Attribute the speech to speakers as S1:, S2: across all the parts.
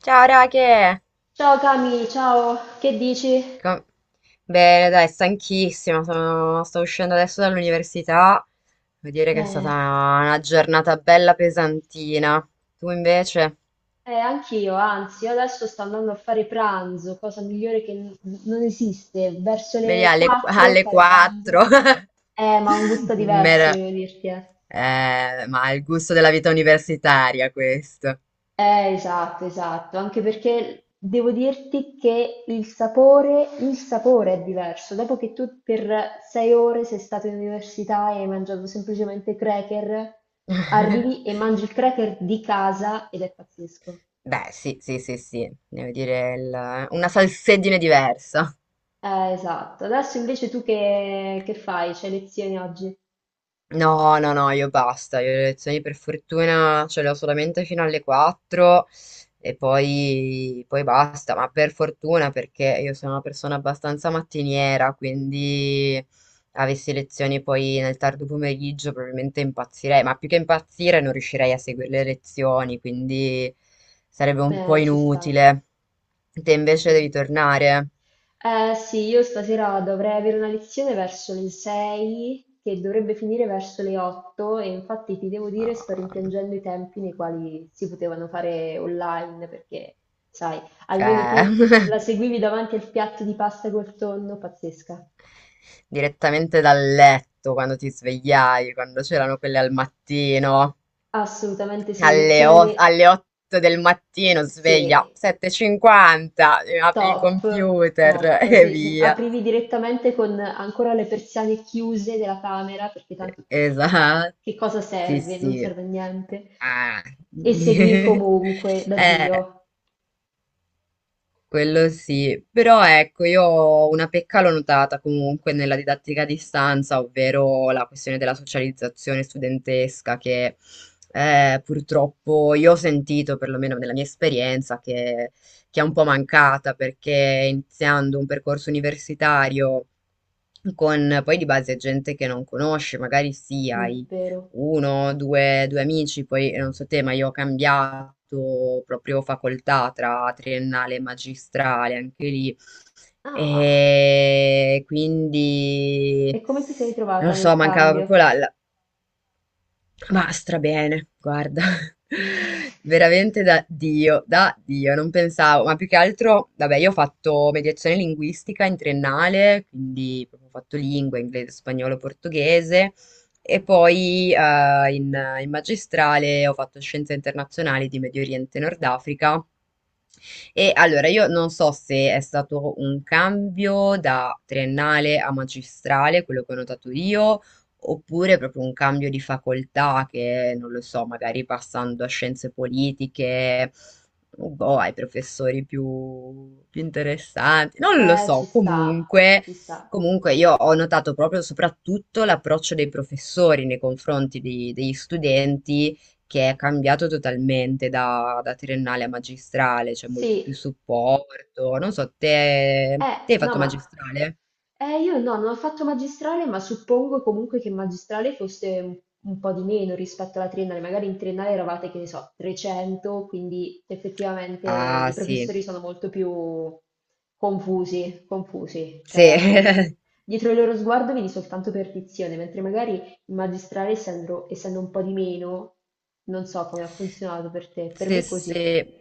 S1: Ciao Rache!
S2: Ciao Cami, ciao, che dici?
S1: Com- Bene, dai, stanchissima, sto uscendo adesso dall'università. Devo dire che è stata
S2: Beh,
S1: una giornata bella pesantina. Tu invece?
S2: anch'io, anzi, io adesso sto andando a fare pranzo, cosa migliore che non esiste, verso
S1: Vedi
S2: le
S1: alle, qu-
S2: 4
S1: alle
S2: fare
S1: 4.
S2: pranzo. Ma ha un gusto diverso,
S1: Mer-
S2: devo dirti.
S1: ma è il gusto della vita universitaria questo.
S2: Esatto, esatto, anche perché devo dirti che il sapore è diverso. Dopo che tu per 6 ore sei stato in università e hai mangiato semplicemente cracker, arrivi e mangi il cracker di casa ed è pazzesco.
S1: Beh, sì, sì, sì, sì, devo dire una salsedine diversa.
S2: Esatto. Adesso invece tu che fai? C'hai lezioni oggi?
S1: No, no, no, io basta, io le lezioni per fortuna ce le ho solamente fino alle 4 e poi basta, ma per fortuna perché io sono una persona abbastanza mattiniera, quindi avessi lezioni poi nel tardo pomeriggio probabilmente impazzirei, ma più che impazzire non riuscirei a seguire le lezioni, quindi sarebbe un po'
S2: Ci sta.
S1: inutile. Te invece
S2: Sì.
S1: devi tornare.
S2: Sì, io stasera dovrei avere una lezione verso le 6 che dovrebbe finire verso le 8, e infatti ti devo dire sto
S1: Ah,
S2: rimpiangendo i tempi nei quali si potevano fare online perché, sai, almeno
S1: eh.
S2: tu la seguivi davanti al piatto di pasta col tonno, pazzesca.
S1: Direttamente dal letto quando ti svegliavi, quando c'erano quelle al mattino,
S2: Assolutamente sì,
S1: alle, o- alle 8 del mattino sveglia,
S2: Sì,
S1: 7.50, apri il
S2: top,
S1: computer
S2: top.
S1: e via.
S2: Aprivi direttamente con ancora le persiane chiuse della camera, perché tanto
S1: Esatto,
S2: che cosa
S1: sì
S2: serve? Non
S1: sì.
S2: serve a niente.
S1: Ah.
S2: E seguivi comunque da
S1: Eh.
S2: Dio.
S1: Quello sì, però ecco, io ho una pecca l'ho notata comunque nella didattica a distanza, ovvero la questione della socializzazione studentesca, che purtroppo io ho sentito, perlomeno nella mia esperienza, che è un po' mancata, perché iniziando un percorso universitario con poi di base gente che non conosci, magari sì,
S2: Mm,
S1: hai
S2: vero?
S1: uno, due amici, poi non so te, ma io ho cambiato proprio facoltà tra triennale e magistrale, anche lì.
S2: Ah,
S1: E quindi
S2: e come ti sei
S1: non
S2: trovata
S1: lo so,
S2: nel
S1: mancava proprio
S2: cambio?
S1: ma strabene, guarda, veramente da Dio, non pensavo, ma più che altro, vabbè, io ho fatto mediazione linguistica in triennale, quindi proprio ho fatto lingua, inglese, spagnolo, portoghese, e poi in magistrale ho fatto scienze internazionali di Medio Oriente e Nord Africa, e allora io non so se è stato un cambio da triennale a magistrale, quello che ho notato io, oppure proprio un cambio di facoltà che, non lo so, magari passando a scienze politiche, boh, ai professori più, più interessanti, non lo
S2: Ci
S1: so,
S2: sta,
S1: comunque.
S2: ci sta.
S1: Comunque io ho notato proprio soprattutto l'approccio dei professori nei confronti degli studenti, che è cambiato totalmente da triennale a magistrale, c'è molto più
S2: Sì.
S1: supporto. Non so, te,
S2: Eh,
S1: te hai
S2: no,
S1: fatto
S2: ma
S1: magistrale?
S2: io no, non ho fatto magistrale, ma suppongo comunque che magistrale fosse un po' di meno rispetto alla triennale. Magari in triennale eravate, che ne so, 300, quindi effettivamente
S1: Ah,
S2: i
S1: sì,
S2: professori sono molto più confusi.
S1: sì,
S2: Cioè, dietro il loro sguardo vedi soltanto perdizione, mentre magari in magistrale, essendo un po' di meno, non so come ha funzionato per te. Per me
S1: sì,
S2: è così.
S1: sì.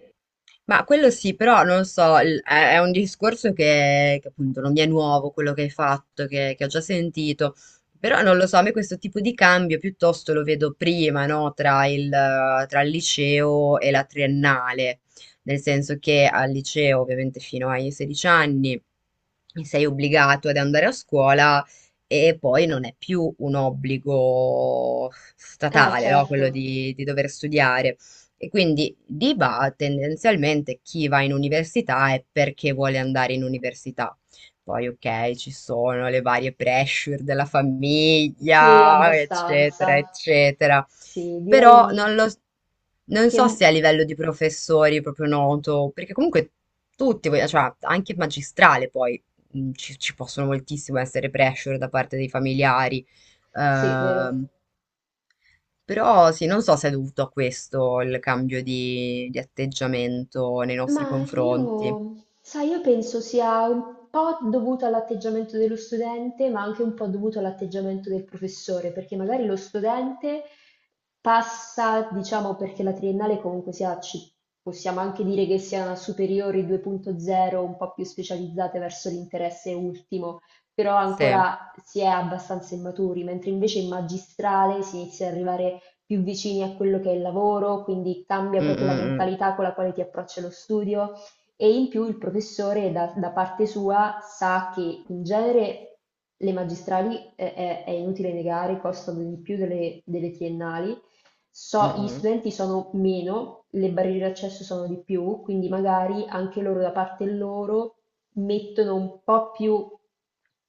S1: Ma quello sì, però non so, è un discorso che appunto non mi è nuovo quello che hai fatto, che ho già sentito, però non lo so, a me questo tipo di cambio piuttosto lo vedo prima, no? Tra il liceo e la triennale, nel senso che al liceo ovviamente fino ai 16 anni sei obbligato ad andare a scuola e poi non è più un obbligo statale, no? Quello
S2: Certo.
S1: di dover studiare. E quindi tendenzialmente chi va in università è perché vuole andare in università. Poi, ok, ci sono le varie pressure della
S2: Sì,
S1: famiglia, eccetera,
S2: abbastanza.
S1: eccetera.
S2: Sì,
S1: Però
S2: direi
S1: non lo, Non
S2: che...
S1: so se a livello di professori è proprio noto, perché comunque tutti, cioè anche il magistrale poi ci possono moltissimo essere pressure da parte dei familiari.
S2: Sì, vero.
S1: Ehm, Però sì, non so se è dovuto a questo il cambio di atteggiamento nei nostri
S2: Ma
S1: confronti.
S2: io, sai, io penso sia un po' dovuto all'atteggiamento dello studente, ma anche un po' dovuto all'atteggiamento del professore, perché magari lo studente passa, diciamo, perché la triennale comunque sia, possiamo anche dire che sia una superiore 2.0, un po' più specializzate verso l'interesse ultimo, però
S1: Sì, mm,
S2: ancora si è abbastanza immaturi, mentre invece in magistrale si inizia ad arrivare più vicini a quello che è il lavoro, quindi cambia
S1: mm,
S2: proprio la
S1: mm.
S2: mentalità con la quale ti approccia lo studio, e in più il professore da parte sua sa che in genere le magistrali è inutile negare, costano di più delle triennali,
S1: Mm,
S2: gli
S1: mm.
S2: studenti sono meno, le barriere d'accesso sono di più, quindi magari anche loro da parte loro mettono un po' più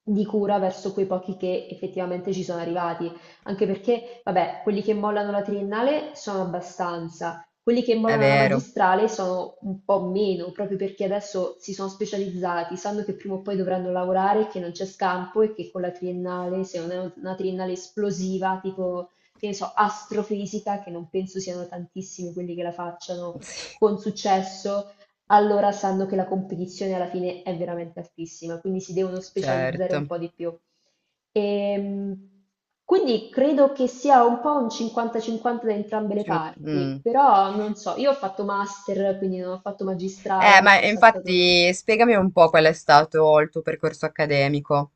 S2: di cura verso quei pochi che effettivamente ci sono arrivati, anche perché, vabbè, quelli che mollano la triennale sono abbastanza, quelli che
S1: È
S2: mollano la
S1: vero,
S2: magistrale sono un po' meno, proprio perché adesso si sono specializzati, sanno che prima o poi dovranno lavorare, che non c'è scampo e che con la triennale, se non è una triennale esplosiva, tipo, che ne so, astrofisica, che non penso siano tantissimi quelli che la facciano
S1: sì,
S2: con successo, allora sanno che la competizione alla fine è veramente altissima, quindi si devono specializzare un
S1: certo.
S2: po' di più. Ehm, quindi credo che sia un po' un 50-50 da entrambe le
S1: Ci-
S2: parti,
S1: mm.
S2: però non so, io ho fatto master, quindi non ho fatto magistrale, mi
S1: Ma
S2: sono saltato un
S1: infatti
S2: anno.
S1: spiegami un po' qual è stato il tuo percorso accademico.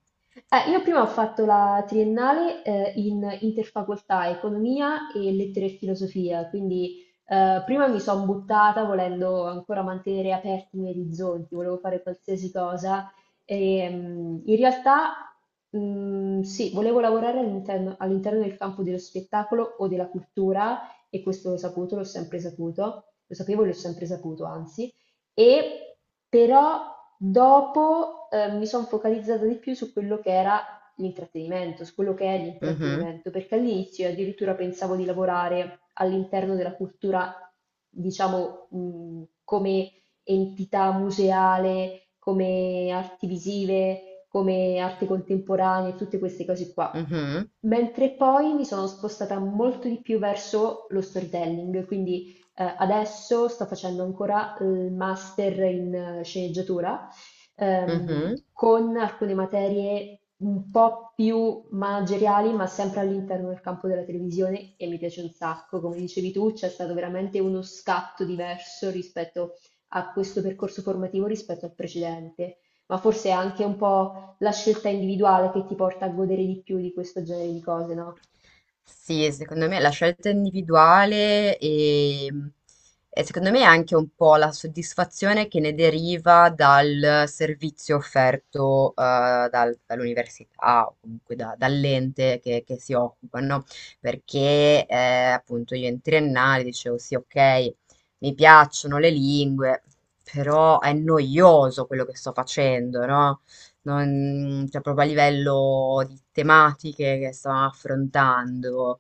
S2: Io prima ho fatto la triennale in interfacoltà economia e lettere e filosofia, quindi prima mi sono buttata volendo ancora mantenere aperti i miei orizzonti, volevo fare qualsiasi cosa, e in realtà sì, volevo lavorare all'interno del campo dello spettacolo o della cultura, e questo l'ho saputo, l'ho sempre saputo, lo sapevo e l'ho sempre saputo, anzi. E però dopo mi sono focalizzata di più su quello che era l'intrattenimento, su quello che è
S1: Mhm,
S2: l'intrattenimento, perché all'inizio io addirittura pensavo di lavorare all'interno della cultura, diciamo, come entità museale, come arti visive, come arte contemporanea, tutte queste cose qua.
S1: mhm,
S2: Mentre poi mi sono spostata molto di più verso lo storytelling, quindi adesso sto facendo ancora il master in sceneggiatura,
S1: mhm.
S2: con alcune materie un po' più manageriali, ma sempre all'interno del campo della televisione, e mi piace un sacco. Come dicevi tu, c'è stato veramente uno scatto diverso rispetto a questo percorso formativo rispetto al precedente, ma forse è anche un po' la scelta individuale che ti porta a godere di più di questo genere di cose, no?
S1: Sì, secondo me la scelta individuale e secondo me anche un po' la soddisfazione che ne deriva dal servizio offerto dall'università o comunque dall'ente che si occupa, no? Perché appunto io in triennale dicevo sì, ok, mi piacciono le lingue, però è noioso quello che sto facendo, no? Cioè proprio a livello di tematiche che stavamo affrontando.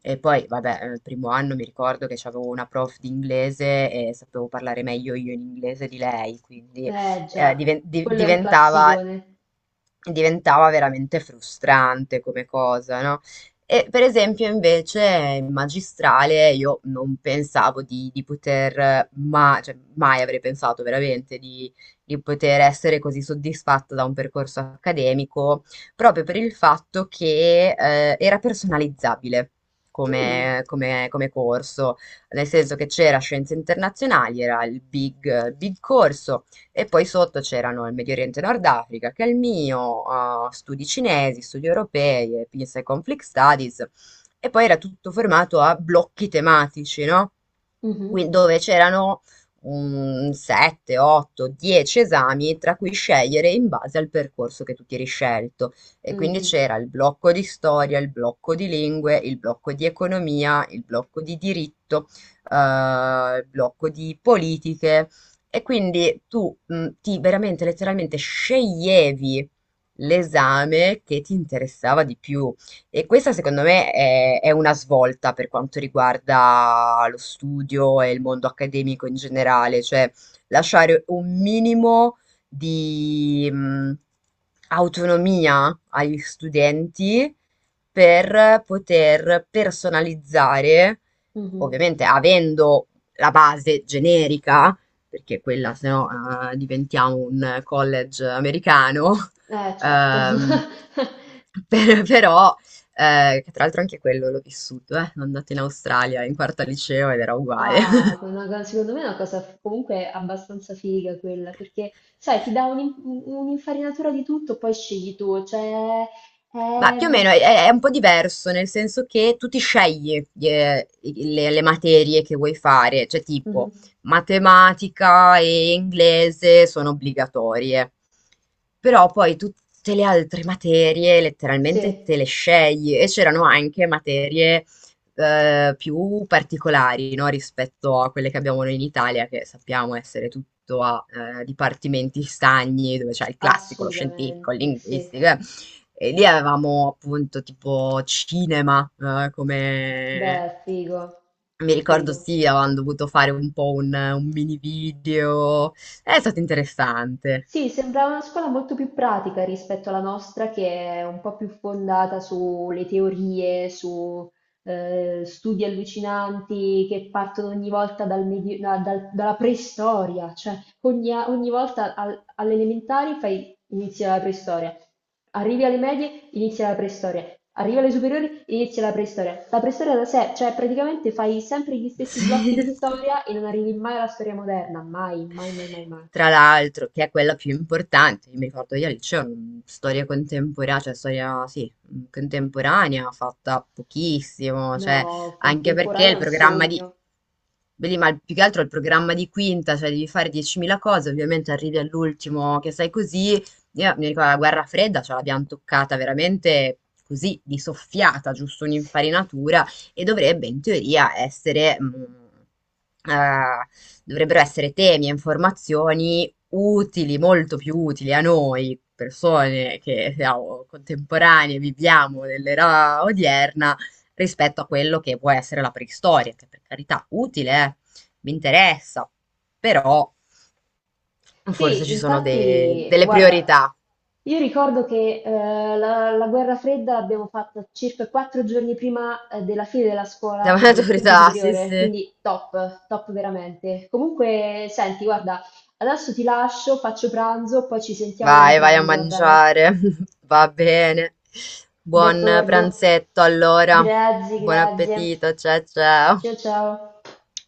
S1: E poi, vabbè, il primo anno mi ricordo che avevo una prof di inglese e sapevo parlare meglio io in inglese di lei, quindi
S2: Eh
S1: eh,
S2: già,
S1: diven- di-
S2: quello è un
S1: diventava,
S2: classicone.
S1: diventava veramente frustrante come cosa, no? E per esempio invece in magistrale io non pensavo di poter, ma, cioè, mai avrei pensato veramente di poter essere così soddisfatta da un percorso accademico, proprio per il fatto che era personalizzabile
S2: Mm.
S1: come corso, nel senso che c'era Scienze Internazionali, era il big, big corso, e poi sotto c'erano il Medio Oriente e Nord Africa, che è il mio, studi cinesi, studi europei, e Peace and Conflict Studies, e poi era tutto formato a blocchi tematici, no?
S2: Mh-mh,
S1: Quindi dove c'erano un 7, 8, 10 esami tra cui scegliere in base al percorso che tu ti eri scelto. E quindi
S2: mh-mh,
S1: c'era il blocco di storia, il blocco di lingue, il blocco di economia, il blocco di diritto, eh, il blocco di politiche. E quindi tu ti veramente letteralmente sceglievi l'esame che ti interessava di più. E questa secondo me è una svolta per quanto riguarda lo studio e il mondo accademico in generale, cioè lasciare un minimo di autonomia agli studenti per poter personalizzare,
S2: mh-mh.
S1: ovviamente avendo la base generica, perché quella se no diventiamo un college americano,
S2: Eh, certo.
S1: ehm, però, che tra l'altro anche quello l'ho vissuto, sono andata in Australia in quarta liceo ed era uguale.
S2: Ah, una co secondo me è una cosa f comunque abbastanza figa quella, perché sai ti dà un'infarinatura di tutto, poi scegli tu, cioè
S1: Ma più o
S2: ehm
S1: meno è un po' diverso, nel senso che tu ti scegli le materie che vuoi fare, cioè
S2: mh-mh,
S1: tipo matematica e inglese sono obbligatorie, però poi tutte le altre materie letteralmente
S2: sì,
S1: te le scegli e c'erano anche materie più particolari, no, rispetto a quelle che abbiamo noi in Italia, che sappiamo essere tutto a dipartimenti stagni, dove c'è il classico, lo scientifico, il
S2: assolutamente, sì.
S1: linguistico. eh. E lì avevamo appunto tipo cinema.
S2: Beh, figo,
S1: Mi ricordo
S2: figo.
S1: sì, avevamo dovuto fare un po' un, mini video. È stato interessante.
S2: Sì, sembrava una scuola molto più pratica rispetto alla nostra, che è un po' più fondata sulle teorie, su studi allucinanti che partono ogni volta dalla preistoria, cioè ogni volta alle elementari fai, inizia la preistoria, arrivi alle medie, inizia la preistoria, arrivi alle superiori, inizia la preistoria. La preistoria da sé, cioè praticamente fai sempre gli stessi
S1: Sì.
S2: blocchi di storia e non arrivi mai alla storia moderna, mai, mai, mai, mai, mai.
S1: Tra l'altro, che è quella più importante, io mi ricordo io al liceo, storia contemporanea, cioè storia, sì, contemporanea, fatta pochissimo, cioè,
S2: No,
S1: anche perché
S2: contemporanea
S1: il
S2: è un
S1: programma di,
S2: sogno.
S1: Beh, lì, ma più che altro il programma di quinta, cioè devi fare 10.000 cose, ovviamente arrivi all'ultimo che sai così, io mi ricordo la guerra fredda, ce l'abbiamo toccata veramente così, di soffiata, giusto
S2: Sì.
S1: un'infarinatura, e dovrebbe in teoria essere... eh, dovrebbero essere temi e informazioni utili, molto più utili a noi, persone che siamo contemporanee, viviamo nell'era odierna, rispetto a quello che può essere la preistoria, che per carità utile, mi interessa, però forse
S2: Sì,
S1: ci sono
S2: infatti,
S1: delle
S2: guarda,
S1: priorità.
S2: io ricordo che la guerra fredda l'abbiamo fatta circa 4 giorni prima della fine della scuola
S1: Davanti alle
S2: di quinto
S1: priorità, sì,
S2: superiore,
S1: sì.
S2: quindi top, top veramente. Comunque, senti, guarda, adesso ti lascio, faccio pranzo, poi ci sentiamo dopo
S1: Vai, vai a
S2: pranzo, va bene?
S1: mangiare. Va bene. Buon
S2: D'accordo.
S1: pranzetto allora.
S2: Grazie,
S1: Buon
S2: grazie.
S1: appetito, ciao ciao.
S2: Ciao, ciao.